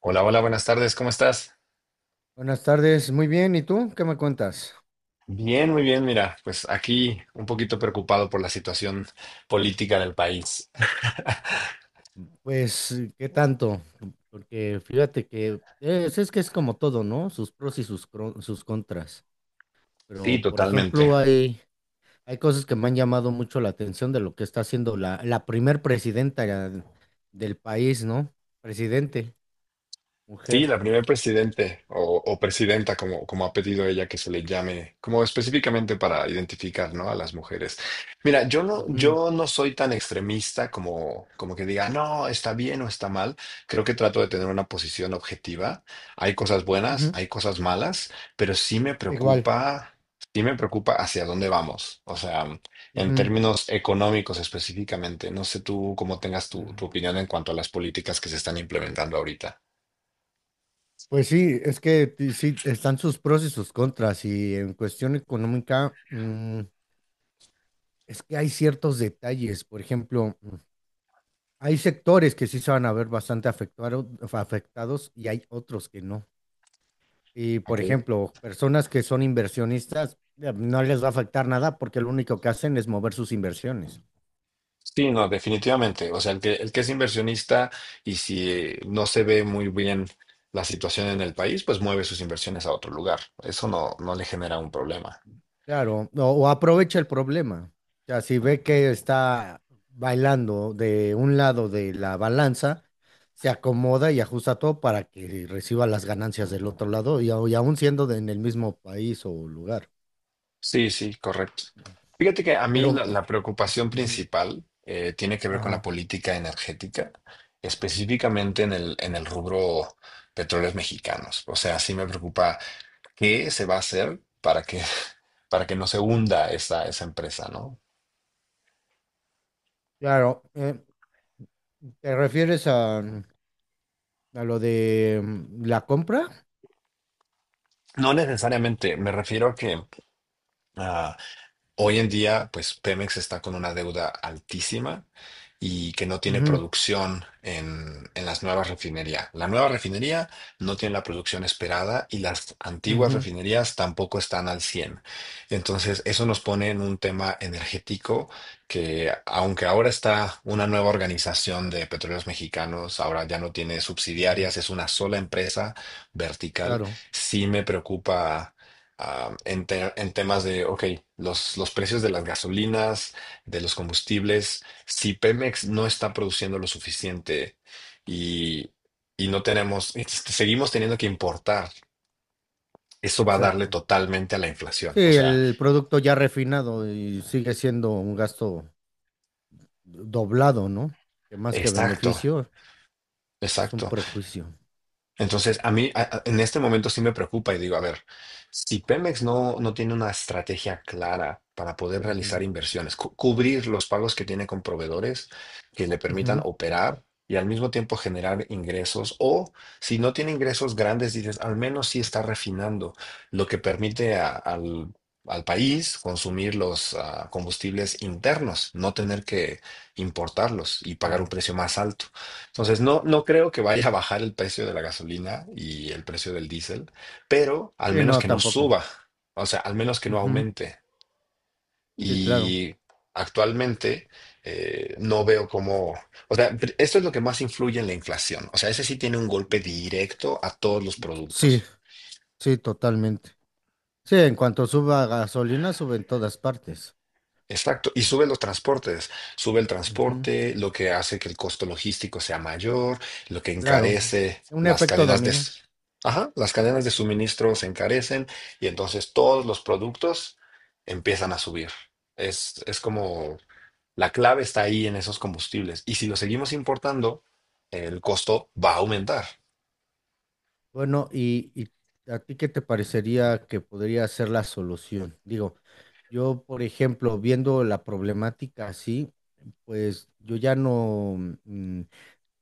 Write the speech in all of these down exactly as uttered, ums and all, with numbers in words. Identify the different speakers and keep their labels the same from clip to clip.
Speaker 1: Hola, hola, buenas tardes, ¿cómo estás?
Speaker 2: Buenas tardes, muy bien. ¿Y tú qué me cuentas?
Speaker 1: Bien, muy bien, mira, pues aquí un poquito preocupado por la situación política del país.
Speaker 2: Pues, eh, ¿qué tanto? Porque fíjate que es, es que es como todo, ¿no? Sus pros y sus, cro- sus contras.
Speaker 1: Sí,
Speaker 2: Pero, por
Speaker 1: totalmente.
Speaker 2: ejemplo, hay, hay cosas que me han llamado mucho la atención de lo que está haciendo la, la primer presidenta ya del país, ¿no? Presidente,
Speaker 1: Sí,
Speaker 2: mujer.
Speaker 1: la primer presidente o, o presidenta, como, como ha pedido ella que se le llame, como específicamente para identificar, ¿no?, a las mujeres. Mira, yo no,
Speaker 2: Ujú.
Speaker 1: yo no soy tan extremista como, como que diga, no, está bien o está mal. Creo que trato de tener una posición objetiva. Hay cosas buenas,
Speaker 2: Ujú.
Speaker 1: hay cosas malas, pero sí me
Speaker 2: Igual.
Speaker 1: preocupa, sí me preocupa hacia dónde vamos. O sea, en
Speaker 2: Ujú.
Speaker 1: términos económicos específicamente. No sé tú cómo tengas tu, tu opinión en cuanto a las políticas que se están implementando ahorita.
Speaker 2: Pues sí, es que ti- sí, están sus pros y sus contras. Y en cuestión económica, es que hay ciertos detalles, por ejemplo, mm, hay sectores que sí se van a ver bastante afectuaro- afectados y hay otros que no. Y, por
Speaker 1: Ok.
Speaker 2: ejemplo, personas que son inversionistas, eh, no les va a afectar nada porque lo único que hacen es mover sus inversiones.
Speaker 1: Sí, no, definitivamente. O sea, el que, el que es inversionista y si eh, no se ve muy bien la situación en el país, pues mueve sus inversiones a otro lugar. Eso no, no le genera un problema.
Speaker 2: Claro, o, o aprovecha el problema. O sea, si ve que está bailando de un lado de la balanza, se acomoda y ajusta todo para que reciba las ganancias del otro lado y, au- y aún siendo de- en el mismo país o lugar.
Speaker 1: Sí, sí, correcto. Fíjate que a mí
Speaker 2: Pero
Speaker 1: la, la preocupación
Speaker 2: Ujú.
Speaker 1: principal eh, tiene que ver con la
Speaker 2: Ajá,
Speaker 1: política energética, específicamente en el, en el rubro petróleos mexicanos. O sea, sí me preocupa qué se va a hacer para que, para que no se hunda esa, esa empresa, ¿no?
Speaker 2: claro. Eh, ¿te refieres a, a lo de mm, la compra?
Speaker 1: No necesariamente, me refiero a que, ah, hoy en día, pues Pemex está con una deuda altísima y que no tiene
Speaker 2: Ujú.
Speaker 1: producción en, en las nuevas refinerías. La nueva refinería no tiene la producción esperada y las antiguas
Speaker 2: Ujú.
Speaker 1: refinerías tampoco están al cien. Entonces, eso nos pone en un tema energético que, aunque ahora está una nueva organización de petróleos mexicanos, ahora ya no tiene
Speaker 2: Ujú.
Speaker 1: subsidiarias, es una sola empresa vertical,
Speaker 2: Claro,
Speaker 1: sí me preocupa ah, en, te- en temas de, ok, los, los precios de las gasolinas, de los combustibles, si Pemex no está produciendo lo suficiente y, y no tenemos, este, seguimos teniendo que importar, eso va a darle
Speaker 2: exacto.
Speaker 1: totalmente a la inflación.
Speaker 2: Sí,
Speaker 1: O sea,
Speaker 2: el producto ya refinado y sigue siendo un gasto doblado, ¿no? Que más que
Speaker 1: exacto,
Speaker 2: beneficio es un
Speaker 1: exacto.
Speaker 2: prejuicio.
Speaker 1: Entonces, a mí a- a- en este momento sí me preocupa y digo, a ver, si Pemex no, no tiene una estrategia clara para poder
Speaker 2: Ujú.
Speaker 1: realizar inversiones, cu- cubrir los pagos que tiene con proveedores que le permitan
Speaker 2: Ujú.
Speaker 1: operar y al mismo tiempo generar ingresos, o si no tiene ingresos grandes, dices, al menos sí está refinando, lo que permite a- al, al país consumir los ah, combustibles internos, no tener que importarlos y pagar un
Speaker 2: Claro.
Speaker 1: precio más alto. Entonces, no, no creo que vaya a bajar el precio de la gasolina y el precio del diésel, pero al
Speaker 2: Sí,
Speaker 1: menos
Speaker 2: no,
Speaker 1: que no
Speaker 2: tampoco.
Speaker 1: suba, o sea, al menos que no
Speaker 2: Ujú.
Speaker 1: aumente.
Speaker 2: Sí, claro.
Speaker 1: Y actualmente eh, no veo cómo, o sea, pr- esto es lo que más influye en la inflación. O sea, ese sí tiene un golpe directo a todos los
Speaker 2: Sí,
Speaker 1: productos.
Speaker 2: sí, totalmente. Sí, en cuanto suba gasolina, sube en todas partes.
Speaker 1: Exacto, y sube los transportes, sube el transporte, lo que hace que el costo logístico sea mayor, lo que
Speaker 2: Claro,
Speaker 1: encarece
Speaker 2: un
Speaker 1: las
Speaker 2: efecto
Speaker 1: cadenas de,
Speaker 2: dominó.
Speaker 1: s- ajá, las cadenas de suministro se encarecen y entonces todos los productos empiezan a subir. Es, es como la clave está ahí en esos combustibles y si lo seguimos importando, el costo va a aumentar.
Speaker 2: Bueno, y, ¿y a ti qué te parecería que podría ser la solución? Digo, yo, por ejemplo, viendo la problemática así, pues yo ya no, mm,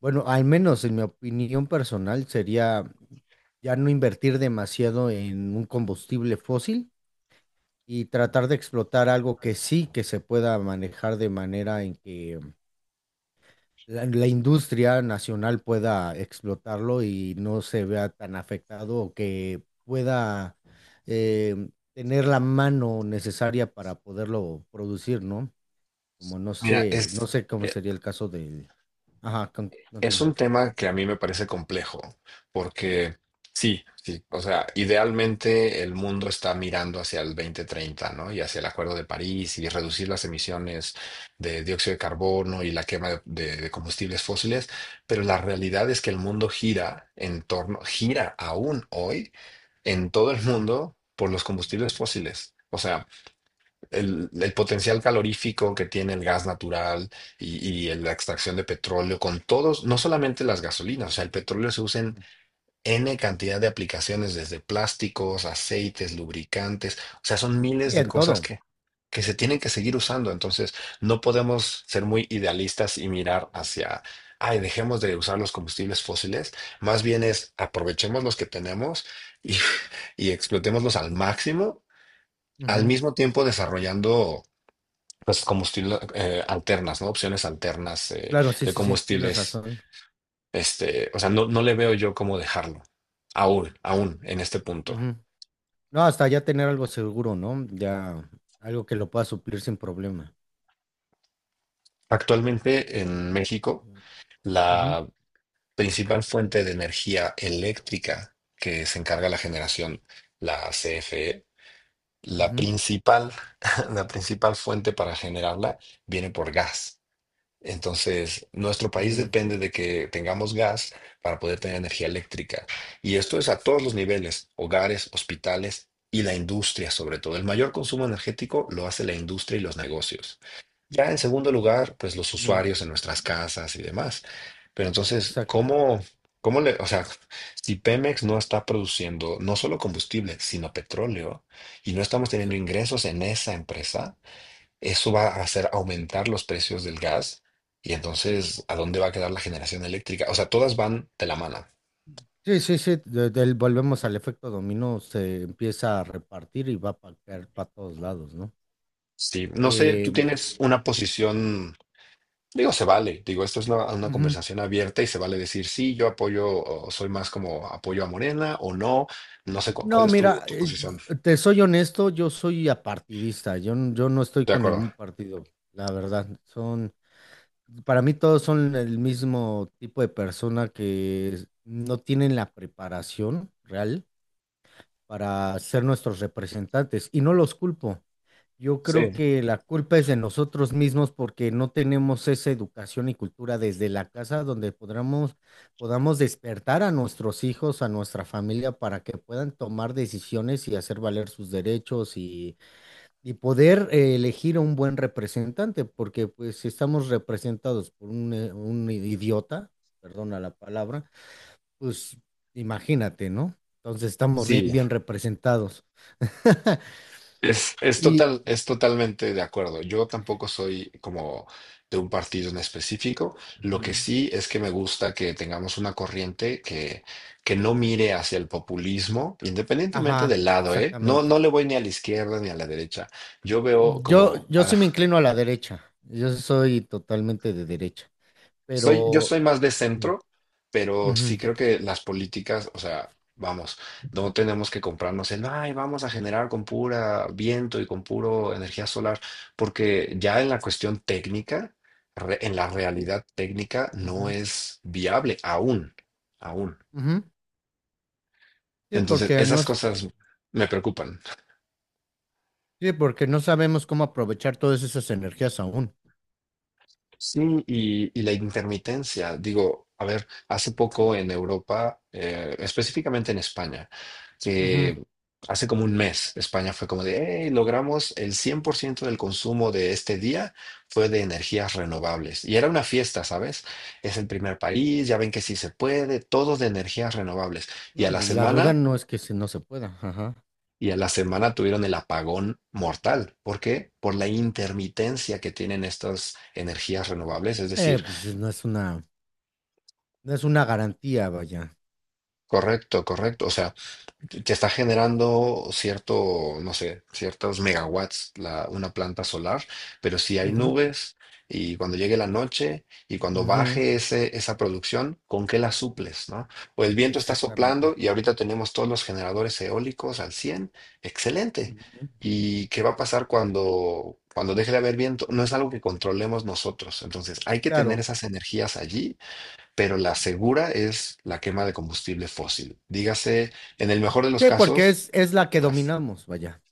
Speaker 2: bueno, al menos en mi opinión personal sería ya no invertir demasiado en un combustible fósil y tratar de explotar algo que sí que se pueda manejar de manera en que la, la industria nacional pueda explotarlo y no se vea tan afectado o que pueda eh, tener la mano necesaria para poderlo producir, ¿no? Como no
Speaker 1: Mira,
Speaker 2: sé, no
Speaker 1: es,
Speaker 2: sé cómo
Speaker 1: eh,
Speaker 2: sería el caso del... Ajá, con-
Speaker 1: es
Speaker 2: continúa.
Speaker 1: un tema que a mí me parece complejo, porque sí, sí, o sea, idealmente el mundo está mirando hacia el dos mil treinta, ¿no? Y hacia el Acuerdo de París y reducir las emisiones de dióxido de carbono y la quema de, de- de combustibles fósiles, pero la realidad es que el mundo gira en torno, gira aún hoy en todo el
Speaker 2: Ujú.
Speaker 1: mundo por los combustibles fósiles. O sea, el, el potencial calorífico que tiene el gas natural y, y la extracción de petróleo con todos, no solamente las gasolinas, o sea, el petróleo se usa en
Speaker 2: Ujú.
Speaker 1: N cantidad de aplicaciones, desde plásticos, aceites, lubricantes, o sea, son
Speaker 2: Sí,
Speaker 1: miles de
Speaker 2: en
Speaker 1: cosas
Speaker 2: todo.
Speaker 1: que, que se tienen que seguir usando, entonces no podemos ser muy idealistas y mirar hacia... Ay, dejemos de usar los combustibles fósiles, más bien es aprovechemos los que tenemos y, y explotémoslos al máximo, al
Speaker 2: Ujú.
Speaker 1: mismo tiempo desarrollando pues combustibles eh, alternas, ¿no? Opciones alternas eh,
Speaker 2: Claro, sí,
Speaker 1: de
Speaker 2: sí, sí, tienes
Speaker 1: combustibles.
Speaker 2: razón.
Speaker 1: Este, o sea, no, no le veo yo cómo dejarlo, aún, aún en este punto.
Speaker 2: Ujú. No, hasta ya tener algo seguro, ¿no? Ya algo que lo pueda suplir sin problema.
Speaker 1: Actualmente en México,
Speaker 2: Ujú.
Speaker 1: la principal fuente de energía eléctrica que se encarga la generación, la C F E, la
Speaker 2: Ujú.
Speaker 1: principal, la principal fuente para generarla viene por gas. Entonces, nuestro país
Speaker 2: Ujú.
Speaker 1: depende de que tengamos gas para poder tener energía eléctrica. Y esto es a todos los niveles, hogares, hospitales y la industria sobre todo. El mayor consumo energético lo hace la industria y los negocios. Ya en segundo lugar, pues los
Speaker 2: Ujú.
Speaker 1: usuarios en nuestras casas y demás. Pero entonces,
Speaker 2: Exacto.
Speaker 1: ¿cómo, cómo le, o sea, si Pemex no está produciendo no solo combustible, sino petróleo, y no estamos teniendo
Speaker 2: Exacto.
Speaker 1: ingresos en esa empresa? Eso va a hacer aumentar los precios del gas y entonces, ¿a dónde va a quedar la generación eléctrica? O sea, todas van de la mano.
Speaker 2: Sí, sí, sí, de- del- volvemos al efecto dominó, se empieza a repartir y va a caer para todos lados, ¿no?
Speaker 1: Sí, no sé,
Speaker 2: Eh,
Speaker 1: tú tienes una posición, digo, se vale, digo, esto es una, una
Speaker 2: ujú.
Speaker 1: conversación abierta y se vale decir, sí, yo apoyo, o soy más como apoyo a Morena o no, no sé cu- cuál
Speaker 2: No,
Speaker 1: es tu,
Speaker 2: mira,
Speaker 1: tu
Speaker 2: eh,
Speaker 1: posición.
Speaker 2: te soy honesto, yo soy apartidista, yo, n- yo no estoy
Speaker 1: De
Speaker 2: con
Speaker 1: acuerdo.
Speaker 2: ningún partido, la verdad. Son, para mí todos son el mismo tipo de persona que no tienen la preparación real para ser nuestros representantes y no los culpo. Yo creo
Speaker 1: Sí,
Speaker 2: que la culpa es de nosotros mismos porque no tenemos esa educación y cultura desde la casa donde podamos, podamos despertar a nuestros hijos, a nuestra familia, para que puedan tomar decisiones y hacer valer sus derechos y, y poder eh, elegir a un buen representante, porque pues si estamos representados por un, eh, un idiota, perdona la palabra, pues imagínate, ¿no? Entonces estamos ri-
Speaker 1: sí.
Speaker 2: bien representados.
Speaker 1: Es, es
Speaker 2: Y,
Speaker 1: total, es totalmente de acuerdo. Yo tampoco soy como de un partido en específico. Lo que
Speaker 2: Ujú.
Speaker 1: sí es que me gusta que tengamos una corriente que, que no mire hacia el populismo, independientemente
Speaker 2: Ajá,
Speaker 1: del lado, ¿eh? No,
Speaker 2: exactamente.
Speaker 1: no le voy ni a la izquierda ni a la derecha. Yo veo
Speaker 2: Yo,
Speaker 1: como,
Speaker 2: yo
Speaker 1: ah,
Speaker 2: sí me inclino a la derecha. Yo soy totalmente de derecha.
Speaker 1: soy, yo
Speaker 2: Pero
Speaker 1: soy más de
Speaker 2: sí.
Speaker 1: centro, pero
Speaker 2: Ujú.
Speaker 1: sí creo que las políticas, o sea, vamos, no tenemos que comprarnos el, ay, vamos a generar con pura viento y con puro energía solar, porque ya en la cuestión técnica, re- en la realidad técnica, no
Speaker 2: Ujú.
Speaker 1: es viable aún, aún.
Speaker 2: Ujú. Sí,
Speaker 1: Entonces,
Speaker 2: porque no,
Speaker 1: esas
Speaker 2: s-
Speaker 1: cosas me preocupan.
Speaker 2: sí, porque no sabemos cómo aprovechar todas esas energías aún.
Speaker 1: Sí, y, y la intermitencia. Digo, a ver, hace poco en Europa, eh, específicamente en España,
Speaker 2: Ujú.
Speaker 1: que hace como un mes, España fue como de, hey, logramos el cien por ciento del consumo de este día fue de energías renovables. Y era una fiesta, ¿sabes? Es el primer país, ya ven que sí se puede, todo de energías renovables. Y a
Speaker 2: No,
Speaker 1: la
Speaker 2: pues la duda
Speaker 1: semana...
Speaker 2: no es que si no se pueda. Ajá.
Speaker 1: Y a la semana tuvieron el apagón mortal. ¿Por qué? Por la intermitencia que tienen estas energías renovables. Es
Speaker 2: Eh,
Speaker 1: decir,
Speaker 2: pues no es una, no es una garantía, vaya.
Speaker 1: correcto, correcto. O sea, te está generando cierto, no sé, ciertos megawatts la, una planta solar, pero si hay
Speaker 2: Ujú.
Speaker 1: nubes y cuando llegue la noche y cuando
Speaker 2: Ujú.
Speaker 1: baje ese, esa producción, ¿con qué la suples, no? O el viento está
Speaker 2: Exactamente.
Speaker 1: soplando y ahorita tenemos todos los generadores eólicos al cien, excelente.
Speaker 2: Ujú.
Speaker 1: ¿Y qué va a pasar cuando, cuando deje de haber viento? No es algo que controlemos nosotros. Entonces, hay que tener
Speaker 2: Claro.
Speaker 1: esas energías allí, pero la segura es la quema de combustible fósil. Dígase, en el mejor de los
Speaker 2: Sí, porque
Speaker 1: casos,
Speaker 2: es, es la que
Speaker 1: gas.
Speaker 2: dominamos, vaya.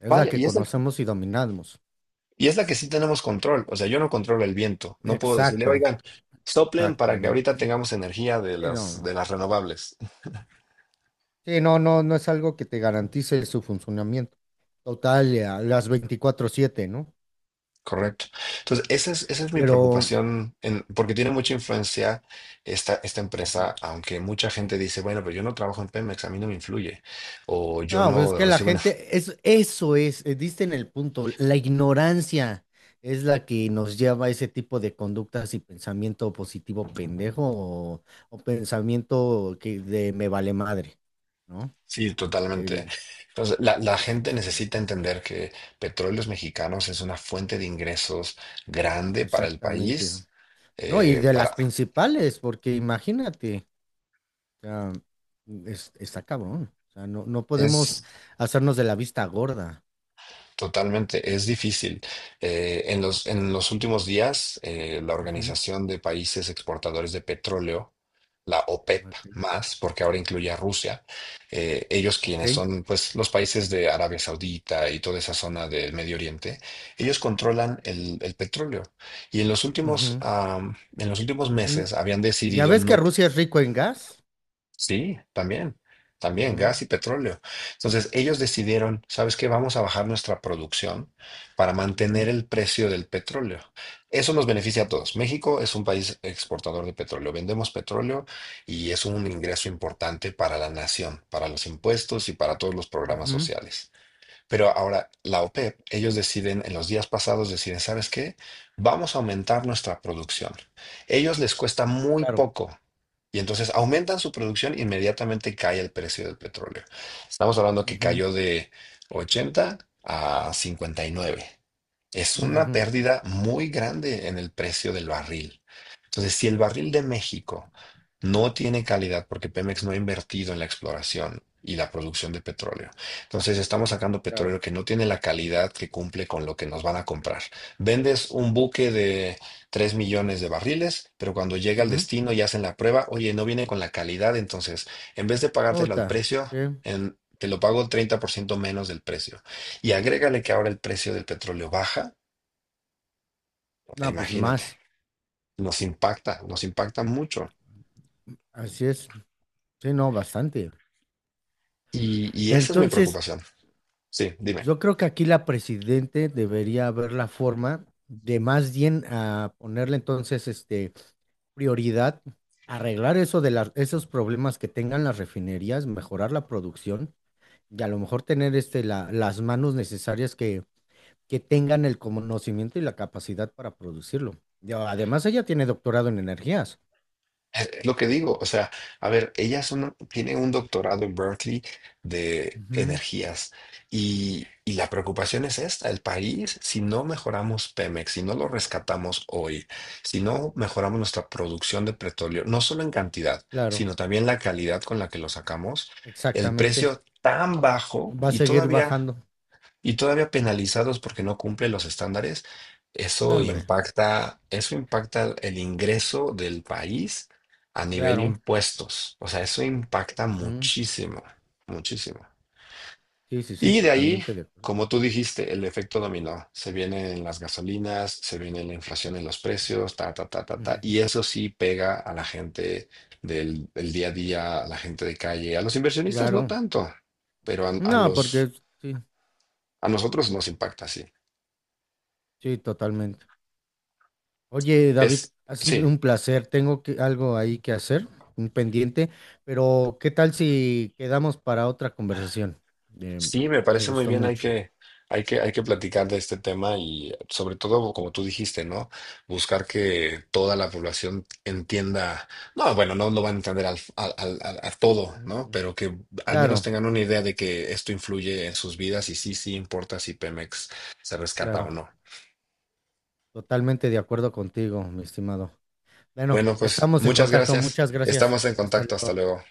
Speaker 2: Es la
Speaker 1: Vaya,
Speaker 2: que
Speaker 1: y es la,
Speaker 2: conocemos y dominamos.
Speaker 1: y es la que sí tenemos control. O sea, yo no controlo el viento. No puedo decirle,
Speaker 2: Exacto.
Speaker 1: oigan, soplen para que ahorita
Speaker 2: Exactamente.
Speaker 1: tengamos energía de
Speaker 2: Sí,
Speaker 1: las,
Speaker 2: no,
Speaker 1: de las renovables.
Speaker 2: sí, no, no, no es algo que te garantice su funcionamiento total eh, a las veinticuatro siete, ¿no?
Speaker 1: Correcto. Entonces, esa es, esa es mi
Speaker 2: Pero,
Speaker 1: preocupación, en- porque tiene mucha influencia esta, esta empresa,
Speaker 2: Ujú.
Speaker 1: aunque mucha gente dice, bueno, pero yo no trabajo en Pemex, a mí no me influye, o yo
Speaker 2: No, pues es
Speaker 1: no
Speaker 2: que la
Speaker 1: recibo.
Speaker 2: gente, es, eso es, eh, diste en el punto, la ignorancia es la que nos lleva a ese tipo de conductas y pensamiento positivo pendejo o, o pensamiento que de me vale madre, ¿no?
Speaker 1: Sí, totalmente.
Speaker 2: El,
Speaker 1: Entonces, la, la gente necesita entender que Petróleos Mexicanos es una fuente de ingresos grande para el
Speaker 2: Exactamente.
Speaker 1: país.
Speaker 2: No, y
Speaker 1: eh,
Speaker 2: de
Speaker 1: para,
Speaker 2: las principales, porque imagínate. O sea, es, está cabrón. O sea, no, no podemos
Speaker 1: es.
Speaker 2: hacernos de la vista gorda.
Speaker 1: Totalmente, es difícil. Eh, en los, en los últimos días, eh, la
Speaker 2: Ujú.
Speaker 1: Organización de Países Exportadores de Petróleo, la O P E P
Speaker 2: Ok.
Speaker 1: más, porque ahora incluye a Rusia, eh, ellos
Speaker 2: Ok.
Speaker 1: quienes son pues, los países de Arabia Saudita y toda esa zona del Medio Oriente, ellos controlan el, el petróleo. Y en los últimos,
Speaker 2: Ujú.
Speaker 1: am, en los últimos
Speaker 2: N-
Speaker 1: meses habían
Speaker 2: ¿Ya
Speaker 1: decidido
Speaker 2: ves que
Speaker 1: no.
Speaker 2: Rusia es rico en gas?
Speaker 1: Sí, también, también
Speaker 2: Ujú.
Speaker 1: gas y petróleo. Entonces ellos decidieron, ¿sabes qué? Vamos a bajar nuestra producción para
Speaker 2: Ujú.
Speaker 1: mantener el precio del petróleo. Eso nos beneficia a todos. México es un país exportador de petróleo. Vendemos petróleo y es un ingreso importante para la nación, para los impuestos y para todos los programas
Speaker 2: Ujú.
Speaker 1: sociales. Pero ahora, la O P E P, ellos deciden, en los días pasados deciden, ¿sabes qué? Vamos a aumentar nuestra producción. Ellos les cuesta muy
Speaker 2: Claro.
Speaker 1: poco. Y entonces aumentan su producción, inmediatamente cae el precio del petróleo. Estamos hablando que
Speaker 2: Ujú.
Speaker 1: cayó de ochenta a cincuenta y nueve. Es una
Speaker 2: Ujú.
Speaker 1: pérdida muy grande en el precio del barril. Entonces, si el barril de México no tiene calidad porque Pemex no ha invertido en la exploración y la producción de petróleo, entonces estamos sacando
Speaker 2: Claro.
Speaker 1: petróleo que no tiene la calidad que cumple con lo que nos van a comprar. Vendes un buque de tres millones de barriles, pero cuando llega al
Speaker 2: Ujú.
Speaker 1: destino y hacen la prueba, oye, no viene con la calidad, entonces en vez de pagártelo al
Speaker 2: Ota,
Speaker 1: precio,
Speaker 2: sí.
Speaker 1: en- te lo pago treinta por ciento menos del precio. Y agrégale que ahora el precio del petróleo baja. E
Speaker 2: No, pues
Speaker 1: imagínate,
Speaker 2: más.
Speaker 1: nos impacta, nos impacta mucho.
Speaker 2: Así es. Sí, no, bastante.
Speaker 1: Y, y esa es mi
Speaker 2: Entonces,
Speaker 1: preocupación. Sí, dime.
Speaker 2: yo creo que aquí la presidente debería ver la forma de más bien a ponerle entonces este prioridad, arreglar eso de las, esos problemas que tengan las refinerías, mejorar la producción y a lo mejor tener este la, las manos necesarias que, que tengan el conocimiento y la capacidad para producirlo. Yo, además, ella tiene doctorado en energías.
Speaker 1: Es es lo que digo, o sea, a ver, ella es una- tiene un doctorado en Berkeley de
Speaker 2: Ujú.
Speaker 1: energías y, y la preocupación es esta, el país, si no mejoramos Pemex, si no lo rescatamos hoy, si no mejoramos nuestra producción de petróleo, no solo en cantidad,
Speaker 2: Claro,
Speaker 1: sino también la calidad con la que lo sacamos, el
Speaker 2: exactamente.
Speaker 1: precio tan bajo
Speaker 2: Va a
Speaker 1: y
Speaker 2: seguir
Speaker 1: todavía
Speaker 2: bajando.
Speaker 1: y todavía penalizados porque no cumple los estándares,
Speaker 2: No,
Speaker 1: eso
Speaker 2: hombre,
Speaker 1: impacta, eso impacta el ingreso del país a nivel
Speaker 2: claro.
Speaker 1: impuestos. O sea, eso impacta
Speaker 2: Ujú.
Speaker 1: muchísimo, muchísimo.
Speaker 2: Sí, sí, sí,
Speaker 1: Y de ahí,
Speaker 2: totalmente de acuerdo.
Speaker 1: como tú dijiste, el efecto dominó. Se vienen las gasolinas, se viene la inflación en los precios, ta, ta, ta, ta, ta. Y
Speaker 2: Ujú.
Speaker 1: eso sí pega a la gente del, del día a día, a la gente de calle, a los inversionistas no
Speaker 2: Claro.
Speaker 1: tanto, pero a, a
Speaker 2: No, porque
Speaker 1: los,
Speaker 2: es- sí,
Speaker 1: a nosotros nos impacta, sí.
Speaker 2: sí, totalmente. Oye, David,
Speaker 1: Es,
Speaker 2: ha sido
Speaker 1: sí,
Speaker 2: un placer. Tengo que, algo ahí que hacer, un pendiente, pero ¿qué tal si quedamos para otra conversación? Eh,
Speaker 1: sí, me
Speaker 2: me
Speaker 1: parece muy
Speaker 2: gustó
Speaker 1: bien. Hay
Speaker 2: mucho.
Speaker 1: que, hay que, hay que platicar de este tema y sobre todo, como tú dijiste, ¿no? Buscar que toda la población entienda. No, bueno, no, lo van a entender al, al- al- al- a todo, ¿no?
Speaker 2: Ujú.
Speaker 1: Pero que al menos
Speaker 2: Claro,
Speaker 1: tengan una idea de que esto influye en sus vidas y sí, sí importa si Pemex se rescata o
Speaker 2: claro.
Speaker 1: no.
Speaker 2: Totalmente de acuerdo contigo, mi estimado. Bueno,
Speaker 1: Bueno, pues
Speaker 2: estamos en
Speaker 1: muchas
Speaker 2: contacto.
Speaker 1: gracias.
Speaker 2: Muchas gracias.
Speaker 1: Estamos en
Speaker 2: Hasta
Speaker 1: contacto. Hasta
Speaker 2: luego.
Speaker 1: luego.